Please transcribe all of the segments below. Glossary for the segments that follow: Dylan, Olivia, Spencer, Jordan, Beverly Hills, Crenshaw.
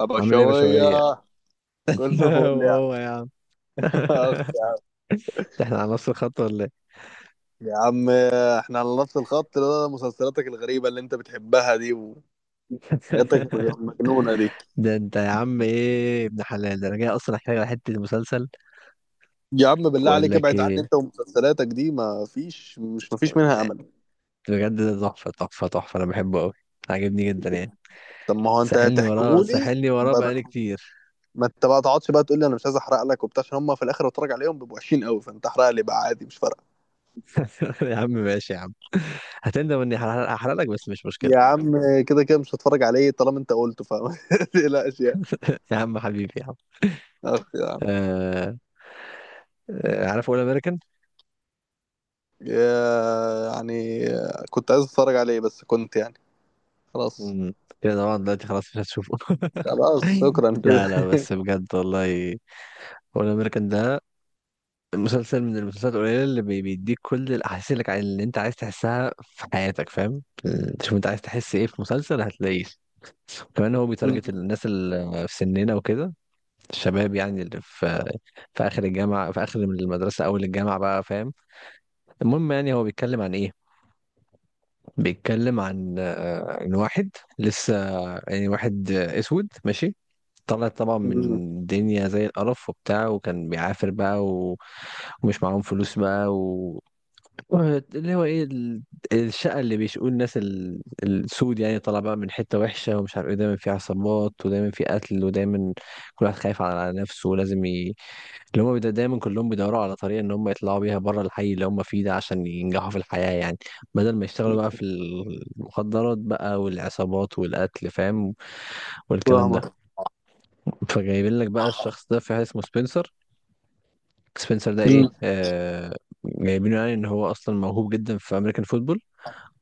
ابو عامل ايه يا شويه. بشوية؟ كله فل يا عم. وهو يا عم. أخ يا عم. ده احنا على نفس الخط ولا ايه؟ يا عم، احنا على نفس الخط، ده مسلسلاتك الغريبه اللي انت بتحبها دي وحاجاتك المجنونه دي. ده انت يا عم ايه ابن حلال، ده انا جاي اصلا احكي لك على حتة المسلسل يا عم بالله واقول عليك، لك ابعد عني انت ايه. ومسلسلاتك دي، ما فيش منها امل. بجد ده تحفة تحفة تحفة، انا بحبه قوي، عاجبني جدا يعني. طب ما هو انت ساحلني وراه هتحكيهولي. ساحلني وراه ب- بقالي ما كتير. ما انت بقى تقعدش بقى تقول لي انا مش عايز احرق لك وبتاع، عشان هم في الاخر بتفرج عليهم بيبقوا وحشين قوي، فانت احرق لي بقى عادي، مش فارقه. يا عم ماشي يا عم، هتندم اني هحرق لك، بس مش مشكلة. يا عم، كده كده مش هتفرج عليه طالما انت قلته، فما تقلقش يعني. يا عم حبيبي يا عم. اخ يا. آه... آه، عارف اول امريكان؟ يعني آه، كنت عايز اتفرج عليه بس كنت يعني. خلاص. مم. كده طبعا دلوقتي خلاص مش هتشوفه. خلاص شكرا لا لا كده. بس بجد والله، هو الامريكان ده مسلسل من المسلسلات القليله اللي بيديك كل الاحاسيس اللي انت عايز تحسها في حياتك، فاهم. تشوف انت عايز تحس ايه في مسلسل هتلاقيه. كمان هو بيتارجت مم. الناس اللي في سننا وكده، الشباب يعني اللي في اخر الجامعه، في اخر من المدرسه اول الجامعه بقى، فاهم. المهم يعني هو بيتكلم عن ايه، بيتكلم عن ان واحد لسه، يعني واحد اسود ماشي، طلع طبعا مم. من الدنيا زي القرف وبتاع، وكان بيعافر بقى ومش معاهم فلوس بقى، اللي هو ايه الشقه اللي بيشقوا الناس السود يعني، طالع بقى من حته وحشه ومش عارف ايه، دايما في عصابات ودايما في قتل ودايما كل واحد خايف على نفسه ولازم اللي هم دايما كلهم بيدوروا على طريقه ان هم يطلعوا بيها بره الحي اللي هم فيه ده عشان ينجحوا في الحياه يعني، بدل ما يشتغلوا بقى في المخدرات بقى والعصابات والقتل، فاهم، والكلام ده. فاهمك. فجايبين لك بقى الشخص ده في حاجه اسمه سبنسر. سبنسر ده ايه مم. جايبينه يعني ان هو اصلا موهوب جدا في امريكان فوتبول،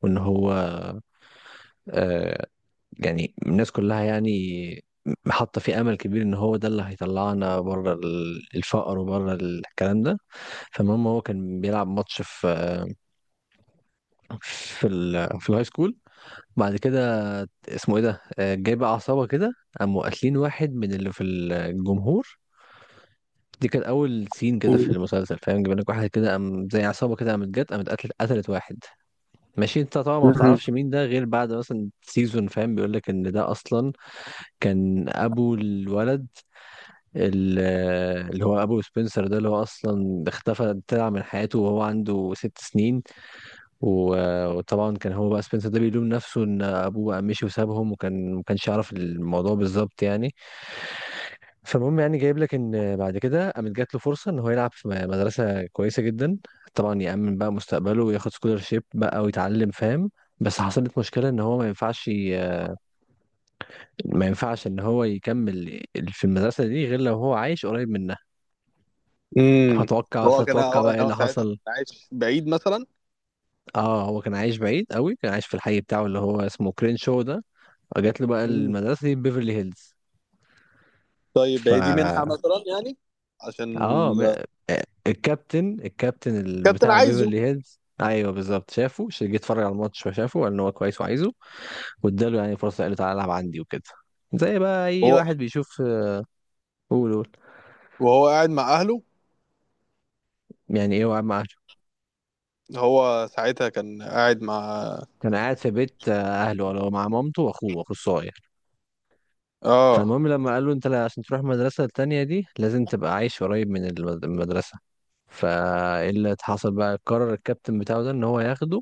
وان هو آه، يعني الناس كلها يعني حاطه فيه امل كبير ان هو ده اللي هيطلعنا بره الفقر وبره الكلام ده. فالمهم هو كان بيلعب ماتش في في ال في الهاي سكول، بعد كده اسمه ايه ده، آه، جاي بقى عصابه كده قاموا قاتلين واحد من اللي في الجمهور. دي كانت اول سين كده في مم. المسلسل، فاهم، جايبين لك واحد كده قام زي عصابه كده قامت جت قامت قتلت واحد. ماشي، انت طبعا ما بتعرفش مين ده غير بعد مثلا سيزون، فاهم، بيقول لك ان ده اصلا كان ابو الولد، ال- اللي هو ابو سبنسر ده اللي هو اصلا اختفى طلع من حياته وهو عنده ست سنين، و- وطبعا كان هو بقى سبنسر ده بيلوم نفسه ان ابوه بقى مشي وسابهم، وكان ما كانش يعرف الموضوع بالظبط يعني. فالمهم يعني جايب لك ان بعد كده قامت جات له فرصه ان هو يلعب في مدرسه كويسه جدا، طبعا يأمن بقى مستقبله وياخد سكولرشيب بقى ويتعلم، فاهم. بس حصلت مشكلة ان هو ما ينفعش ما ينفعش ان هو يكمل في المدرسة دي غير لو هو عايش قريب منها. مم. فتوقع هو كان فتوقع هو بقى ايه يعني هو اللي ساعتها حصل. كان عايش بعيد مثلا. اه هو كان عايش بعيد قوي، كان عايش في الحي بتاعه اللي هو اسمه كرينشو ده، فجات له بقى مم. المدرسه دي بيفرلي هيلز. طيب ف هي دي منحة مثلا يعني؟ عشان اه آه، الكابتن الكابتن الكابتن بتاع عايزه بيفرلي هيلز، ايوه بالظبط، شافه جه اتفرج على الماتش فشافه قال ان هو كويس وعايزه، واداله يعني فرصه قال له تعالى العب عندي وكده، زي بقى اي هو. واحد بيشوف آه، قول وهو قاعد مع اهله. يعني ايه وقعد مع أهله. هو ساعتها كان قاعد مع. كان قاعد في بيت آه، اهله، ولا هو مع مامته واخوه الصغير. اه. فالمهم لما قال له انت عشان تروح المدرسة التانية دي لازم تبقى عايش قريب من المدرسة. فايه اللي حصل بقى، قرر الكابتن بتاعه ده ان هو ياخده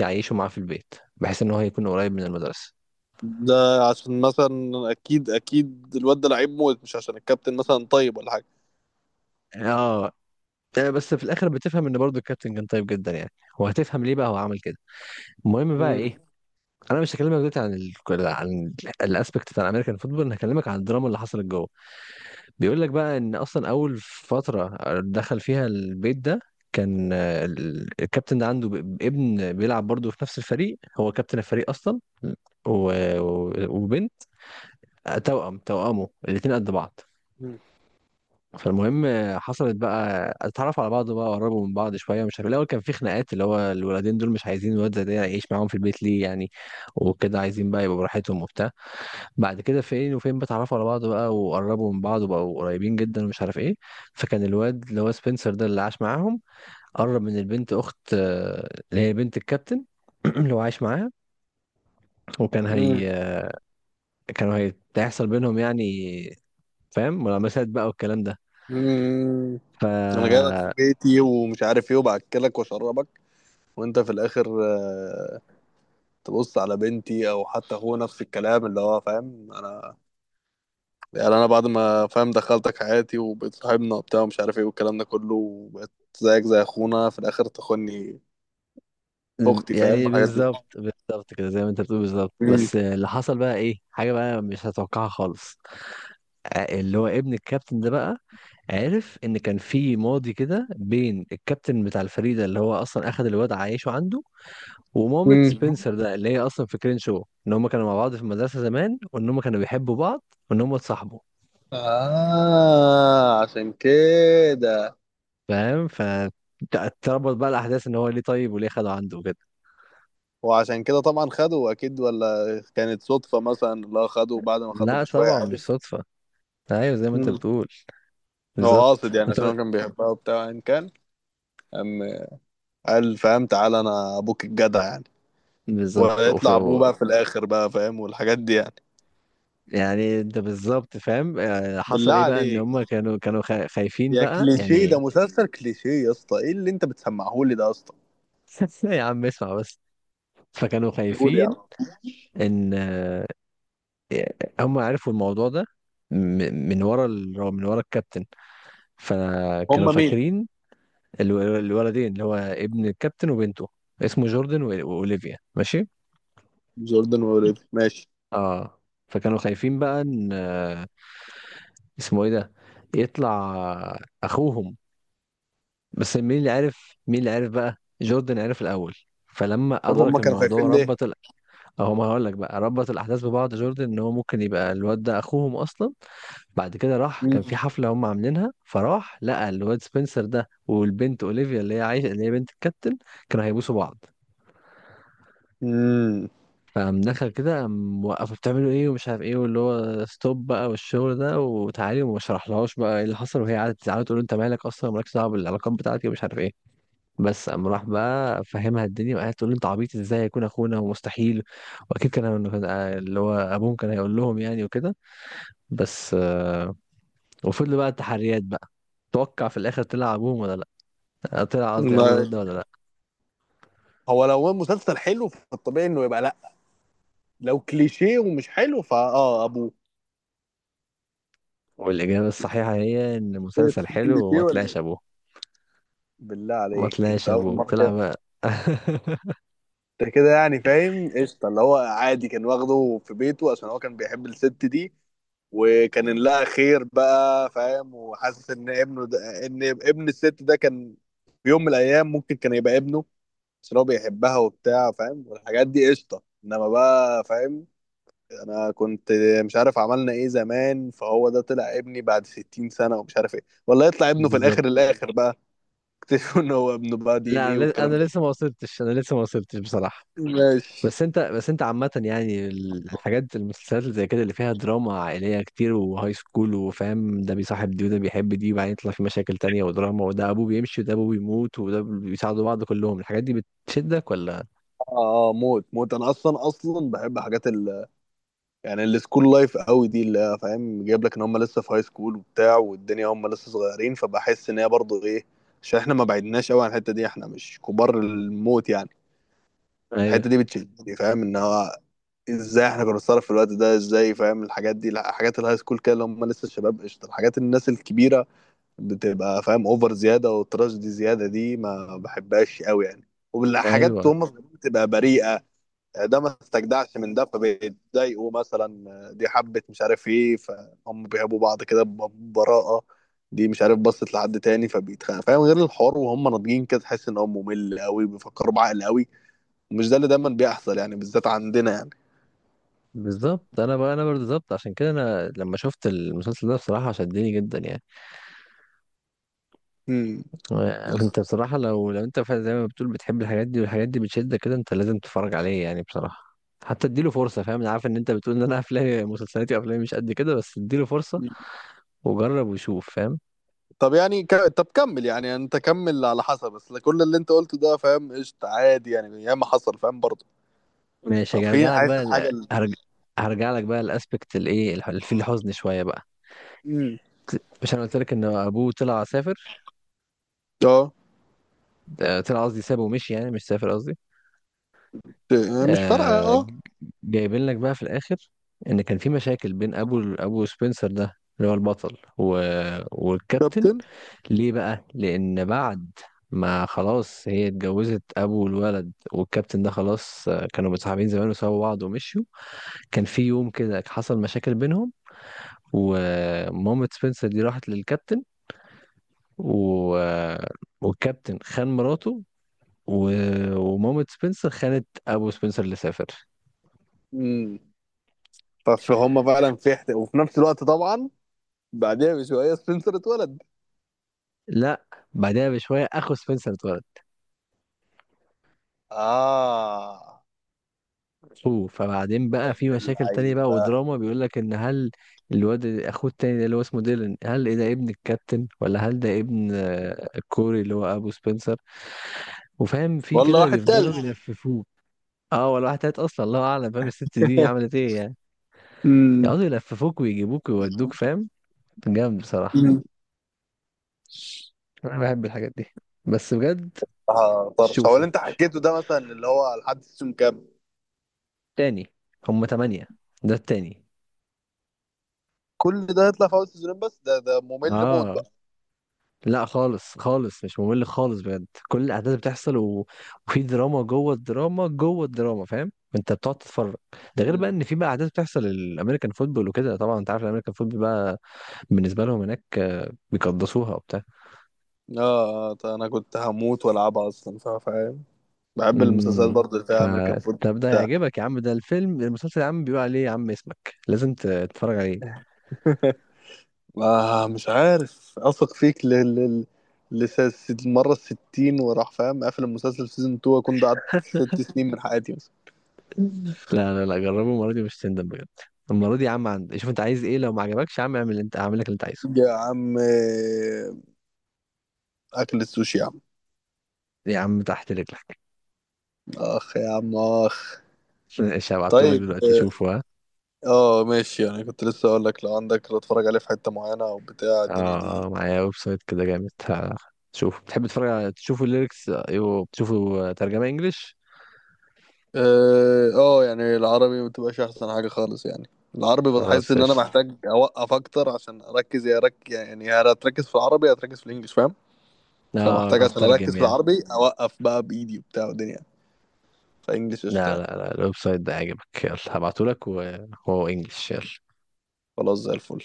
يعيشه معاه في البيت بحيث ان هو يكون قريب من المدرسة. ده عشان مثلا اكيد اكيد الواد ده لعيب موت، مش عشان الكابتن مثلا طيب ولا حاجة. اه آه، بس في الاخر بتفهم ان برضو الكابتن كان طيب جدا يعني، وهتفهم ليه بقى هو عمل كده. المهم بقى مم. ايه، انا مش هكلمك دلوقتي عن عن الاسبكت بتاع الامريكان فوتبول، انا هكلمك عن الدراما اللي حصلت جوه. بيقول لك بقى ان اصلا اول فتره دخل فيها البيت ده كان آه، الكابتن ده عنده ابن بيلعب برضه في نفس الفريق، هو كابتن الفريق اصلا، و- و- وبنت، توأمه الاتنين قد بعض. مم. فالمهم آه، حصلت بقى اتعرفوا على بعض بقى قربوا من بعض شويه، مش عارف الاول كان في خناقات، اللي هو الولدين دول مش عايزين الواد زي ده يعيش معاهم في البيت ليه يعني، وكده عايزين بقى يبقوا براحتهم وبتاع. بعد كده فين وفين بتعرفوا على بعض بقى وقربوا من بعض وبقوا قريبين جدا ومش عارف ايه، فكان الواد اللي هو سبنسر ده اللي عاش معاهم قرب من البنت اخت آه، اللي هي بنت الكابتن اللي هو عايش معاها، وكان مم. هي كانوا هيحصل بينهم يعني، فاهم، ملامسات بقى والكلام ده. مم. ف انا جاي لك في بيتي ومش عارف ايه وباكلك واشربك، وانت في الاخر آه، تبص على بنتي، او حتى هو نفس الكلام اللي هو فاهم انا. يعني انا بعد ما فاهم دخلتك حياتي وبقيت صاحبنا وبتاع ومش عارف ايه والكلام ده كله، وبقيت زيك زي اخونا، في الاخر تخوني في اختي. فاهم يعني الحاجات دي. بالظبط كده زي ما انت بتقول بالظبط، مم. بس اللي حصل بقى ايه، حاجة بقى مش هتوقعها خالص. آه، اللي هو ابن الكابتن ده بقى عرف ان كان في ماضي كده بين الكابتن بتاع الفريق ده اللي هو اصلا اخد الواد عايشه عنده، ومامة مم. سبنسر ده اللي هي اصلا في كرينشو، ان هم كانوا مع بعض في المدرسه زمان وان هم كانوا بيحبوا بعض وان هم اتصاحبوا، آه عشان كده. فاهم. ف تربط بقى الاحداث ان هو ليه طيب وليه خده عنده كده. وعشان كده طبعا خدوا اكيد، ولا كانت صدفة مثلا؟ لا، خدوا بعد ما خدوا لا بشوية طبعا عادي. مش صدفه، ايوه زي ما انت مم. بتقول هو قاصد بالظبط. يعني، انت عشان هو كان بيحبها وبتاع، ان كان. أم، قال فاهم، تعالى انا ابوك الجدع يعني. بالظبط. وفي ويطلع ابوه بقى في الاخر بقى فاهم والحاجات دي يعني. يعني انت بالظبط فاهم آه، حصل بالله ايه بقى، ان عليك هم كانوا خايفين يا بقى كليشيه، يعني. ده مسلسل كليشيه يا اسطى، ايه اللي انت بتسمعه لي ده يا اسطى. يا عم اسمع بس. فكانوا قول يا خايفين عم. ان آه، هم عرفوا الموضوع ده من ورا من ورا الكابتن، هم فكانوا مين؟ فاكرين الولدين اللي هو ابن الكابتن وبنته، اسمه جوردن و- واوليفيا، ماشي. جوردن وريدي ماشي. اه فكانوا خايفين بقى ان آه، اسمه ايه ده، يطلع اخوهم. بس مين اللي عرف، مين اللي عرف بقى، جوردن عرف الاول، فلما طب هم ادرك كانوا الموضوع خايفين ليه؟ ربط، اهو ما هقول لك بقى، ربط الاحداث ببعض جوردن ان هو ممكن يبقى الواد ده اخوهم اصلا. بعد كده راح كان في مم. حفله هم عاملينها، فراح لقى الواد سبنسر ده والبنت اولivia اللي هي عايشه اللي هي بنت الكابتن، كانوا هيبوسوا بعض، مم. فقام دخل كده قام وقفوا بتعملوا ايه ومش عارف ايه، واللي هو ستوب بقى والشغل ده وتعالي، وما شرحلهاش بقى ايه اللي حصل، وهي قعدت تزعل تقول له انت مالك اصلا، مالكش دعوه بالعلاقات بتاعتي ومش عارف ايه. بس قام راح بقى فهمها الدنيا، وقعدت تقول له انت عبيط، ازاي يكون اخونا ومستحيل، واكيد اللي هو ابوهم كان هيقول لهم يعني وكده، بس آه، وفضلوا بقى التحريات بقى. توقع في الاخر طلع ابوهم ولا لا، آه، طلع قصدي ابو ما الواد ده ولا لا. هو لو هو مسلسل حلو فالطبيعي انه يبقى لا، لو كليشيه ومش حلو فاه ابوه. والاجابه الصحيحه هي ان إيه، المسلسل حلو وما كليشيه ولا طلعش إيه؟ ابوه. بالله ما عليك طلعش انت اول ابوه، مره طلع كده. بقى. ده كده يعني فاهم قشطه، اللي هو عادي كان واخده في بيته عشان هو كان بيحب الست دي، وكان إن لها خير بقى فاهم، وحاسس ان ابنه ده، ان ابن الست ده كان في يوم من الايام ممكن كان يبقى ابنه. بس هو بيحبها وبتاع فاهم والحاجات دي قشطه، انما بقى فاهم انا كنت مش عارف عملنا ايه زمان، فهو ده طلع ابني بعد 60 سنه ومش عارف ايه، ولا يطلع ابنه في الاخر بالظبط. الاخر بقى؟ اكتشفوا ان هو ابنه بقى، دي ان لا ايه انا والكلام أنا ده. لسه ما وصلتش، انا لسه ما وصلتش بصراحه. ماشي. بس انت عامة يعني الحاجات المسلسلات اللي زي كده اللي فيها دراما عائلية كتير وهاي سكول وفاهم، ده بيصاحب دي وده بيحب دي وبعدين يطلع في مشاكل تانية ودراما، وده ابوه بيمشي وده ابوه بيموت وده بيساعدوا بعض كلهم، الحاجات دي بتشدك ولا. اه اه، موت موت، انا اصلا اصلا بحب حاجات ال، يعني السكول لايف قوي دي اللي هي، فاهم جايب لك ان هم لسه في هاي سكول وبتاع والدنيا، هم لسه صغيرين، فبحس ان هي برضه ايه، عشان احنا ما بعدناش قوي عن الحته دي، احنا مش كبار الموت يعني. ايوه. الحته دي بتشدني فاهم، ان هو ازاي احنا كنا بنتصرف في الوقت ده، ازاي فاهم الحاجات دي. لا، حاجات الهاي سكول كده اللي هم لسه الشباب قشطه. الحاجات الناس الكبيره بتبقى فاهم اوفر زياده، والتراش دي زياده، دي ما بحبهاش قوي يعني. والحاجات ايوه هم بتبقى بريئه، ده ما استجدعش من ده، فبيتضايقوا مثلا دي حبت مش عارف ايه، فهم بيحبوا بعض كده ببراءة. دي مش عارف بصت لحد تاني فبيتخانق فاهم، غير الحوار وهم ناضجين كده تحس ان هو ممل قوي، بيفكروا بعقل قوي، ومش ده اللي دايما بيحصل يعني بالذات عندنا يعني. بالظبط، انا بقى انا برضه بالظبط، عشان كده انا لما شفت المسلسل ده بصراحة شدني جدا يعني. امم. بس. انت بصراحة لو انت فعلا زي ما بتقول بتحب الحاجات دي والحاجات دي بتشدك كده، انت لازم تتفرج عليه يعني بصراحة. حتى اديله فرصة، فاهم، انا عارف ان انت بتقول ان انا افلامي مسلسلاتي وافلامي مش قد كده، بس اديله فرصة وجرب وشوف، فاهم. طب يعني طب كمل، يعني انت كمل على حسب، بس كل اللي انت قلته ده فاهم قشطة عادي، يعني ياما حصل فاهم برضه. ماشي ففي هرجع لك حاسس بقى الحاجة اللي. هرجع لك بقى الاسبكت الايه في الحزن شوية بقى. امم. مش انا قلت لك ان ابوه طلع سافر، اه. طلع قصدي سابه ومشي يعني، مش سافر قصدي مش فارقة آه. اه. جايبين لك بقى في الاخر ان كان في مشاكل بين ابو سبنسر ده اللي هو البطل والكابتن. ليه بقى، لان بعد ما خلاص هي اتجوزت ابو الولد والكابتن ده خلاص آه، كانوا متصاحبين زمان وسابوا بعض ومشيوا، كان في يوم كده حصل مشاكل بينهم، ومامة سبنسر دي راحت للكابتن آه، والكابتن خان مراته و... ومامة سبنسر خانت ابو سبنسر اللي سافر. كابتن. فهم فعلا في وفي نفس الوقت طبعا بعدها بشويه سبنسر اتولد. لا بعدها بشويه اخو سبنسر اتولد، اه. اخوه. فبعدين بقى في مشاكل تانية بقى اللعيبه. ودراما، بيقول لك ان هل الواد اخوه التاني ده اللي هو اسمه ديلان، هل إيه ده ابن الكابتن، ولا هل ده ابن آه، الكوري اللي هو ابو سبنسر. وفاهم في والله كده واحد تالت. بيفضلوا يلففوك. اه ولا واحد تالت اصلا، الله اعلم، فاهم الست دي عملت ايه يعني. امم. يقعدوا يلففوك ويجيبوك ويودوك، فاهم، جامد بصراحه. امم. انا بحب الحاجات دي بس بجد. اه طرش، هو اللي تشوفه انت حكيته ده مثلا اللي هو لحد سيزون كام؟ تاني، هم تمانية، ده التاني. كل ده هيطلع في اول سيزونين؟ بس ده ممل موت اه بقى. لا خالص خالص مش ممل خالص بجد، كل الاحداث بتحصل وفي دراما جوه الدراما جوه الدراما، فاهم، انت بتقعد تتفرج. ده غير بقى امم. ان في بقى احداث بتحصل الامريكان فوتبول وكده، طبعا انت عارف الامريكان فوتبول بقى بالنسبه لهم هناك آه، بيقدسوها وبتاع. اه آه، طيب انا كنت هموت والعبها اصلا فاهم، بحب المسلسلات امم. برضه اللي فيها امريكان فوت. فطب ده يعجبك يا عم، ده الفيلم المسلسل يا عم بيقول عليه يا عم اسمك، لازم تتفرج عليه. ما مش عارف اثق فيك المرة الستين وراح فاهم قافل المسلسل في سيزون 2 اكون ضيعت 6 سنين من حياتي مثلا. لا لا لا جربه المره دي مش هتندم بجد. المره دي يا عم عندي، شوف انت عايز ايه، لو ما عجبكش يا عم اعمل اللي انت هعمل لك اللي انت عايزه. يا عم آه، اكل السوشي يا عم. يا عم تحت رجلك. اخ يا عم اخ. ماشي هبعتهولك طيب. دلوقتي شوفه ها. اه آه، ماشي، انا كنت لسه اقول لك لو عندك لو اتفرج عليه في حتة معينة او بتاع الدنيا اه دي. آه، معايا ويب سايت كده جامد، شوف بتحب تتفرج على تشوفوا الليركس، ايوه بتشوفوا ترجمة انجليش. اه آه، يعني العربي ما بتبقاش احسن حاجة خالص يعني، العربي بتحس خلاص ان انا قشطة. محتاج اوقف اكتر عشان اركز، يا رك يعني هتركز في العربي هتركز في الانجليش فاهم. لا فمحتاج عشان اركز هترجم في يعني. العربي اوقف بقى بايدي وبتاع ودنيا، فانجلش قشطه لا لا يعني. لا الويب سايت ده عاجبك، يلا هبعتهولك وهو انجليش، يلا. خلاص زي الفل.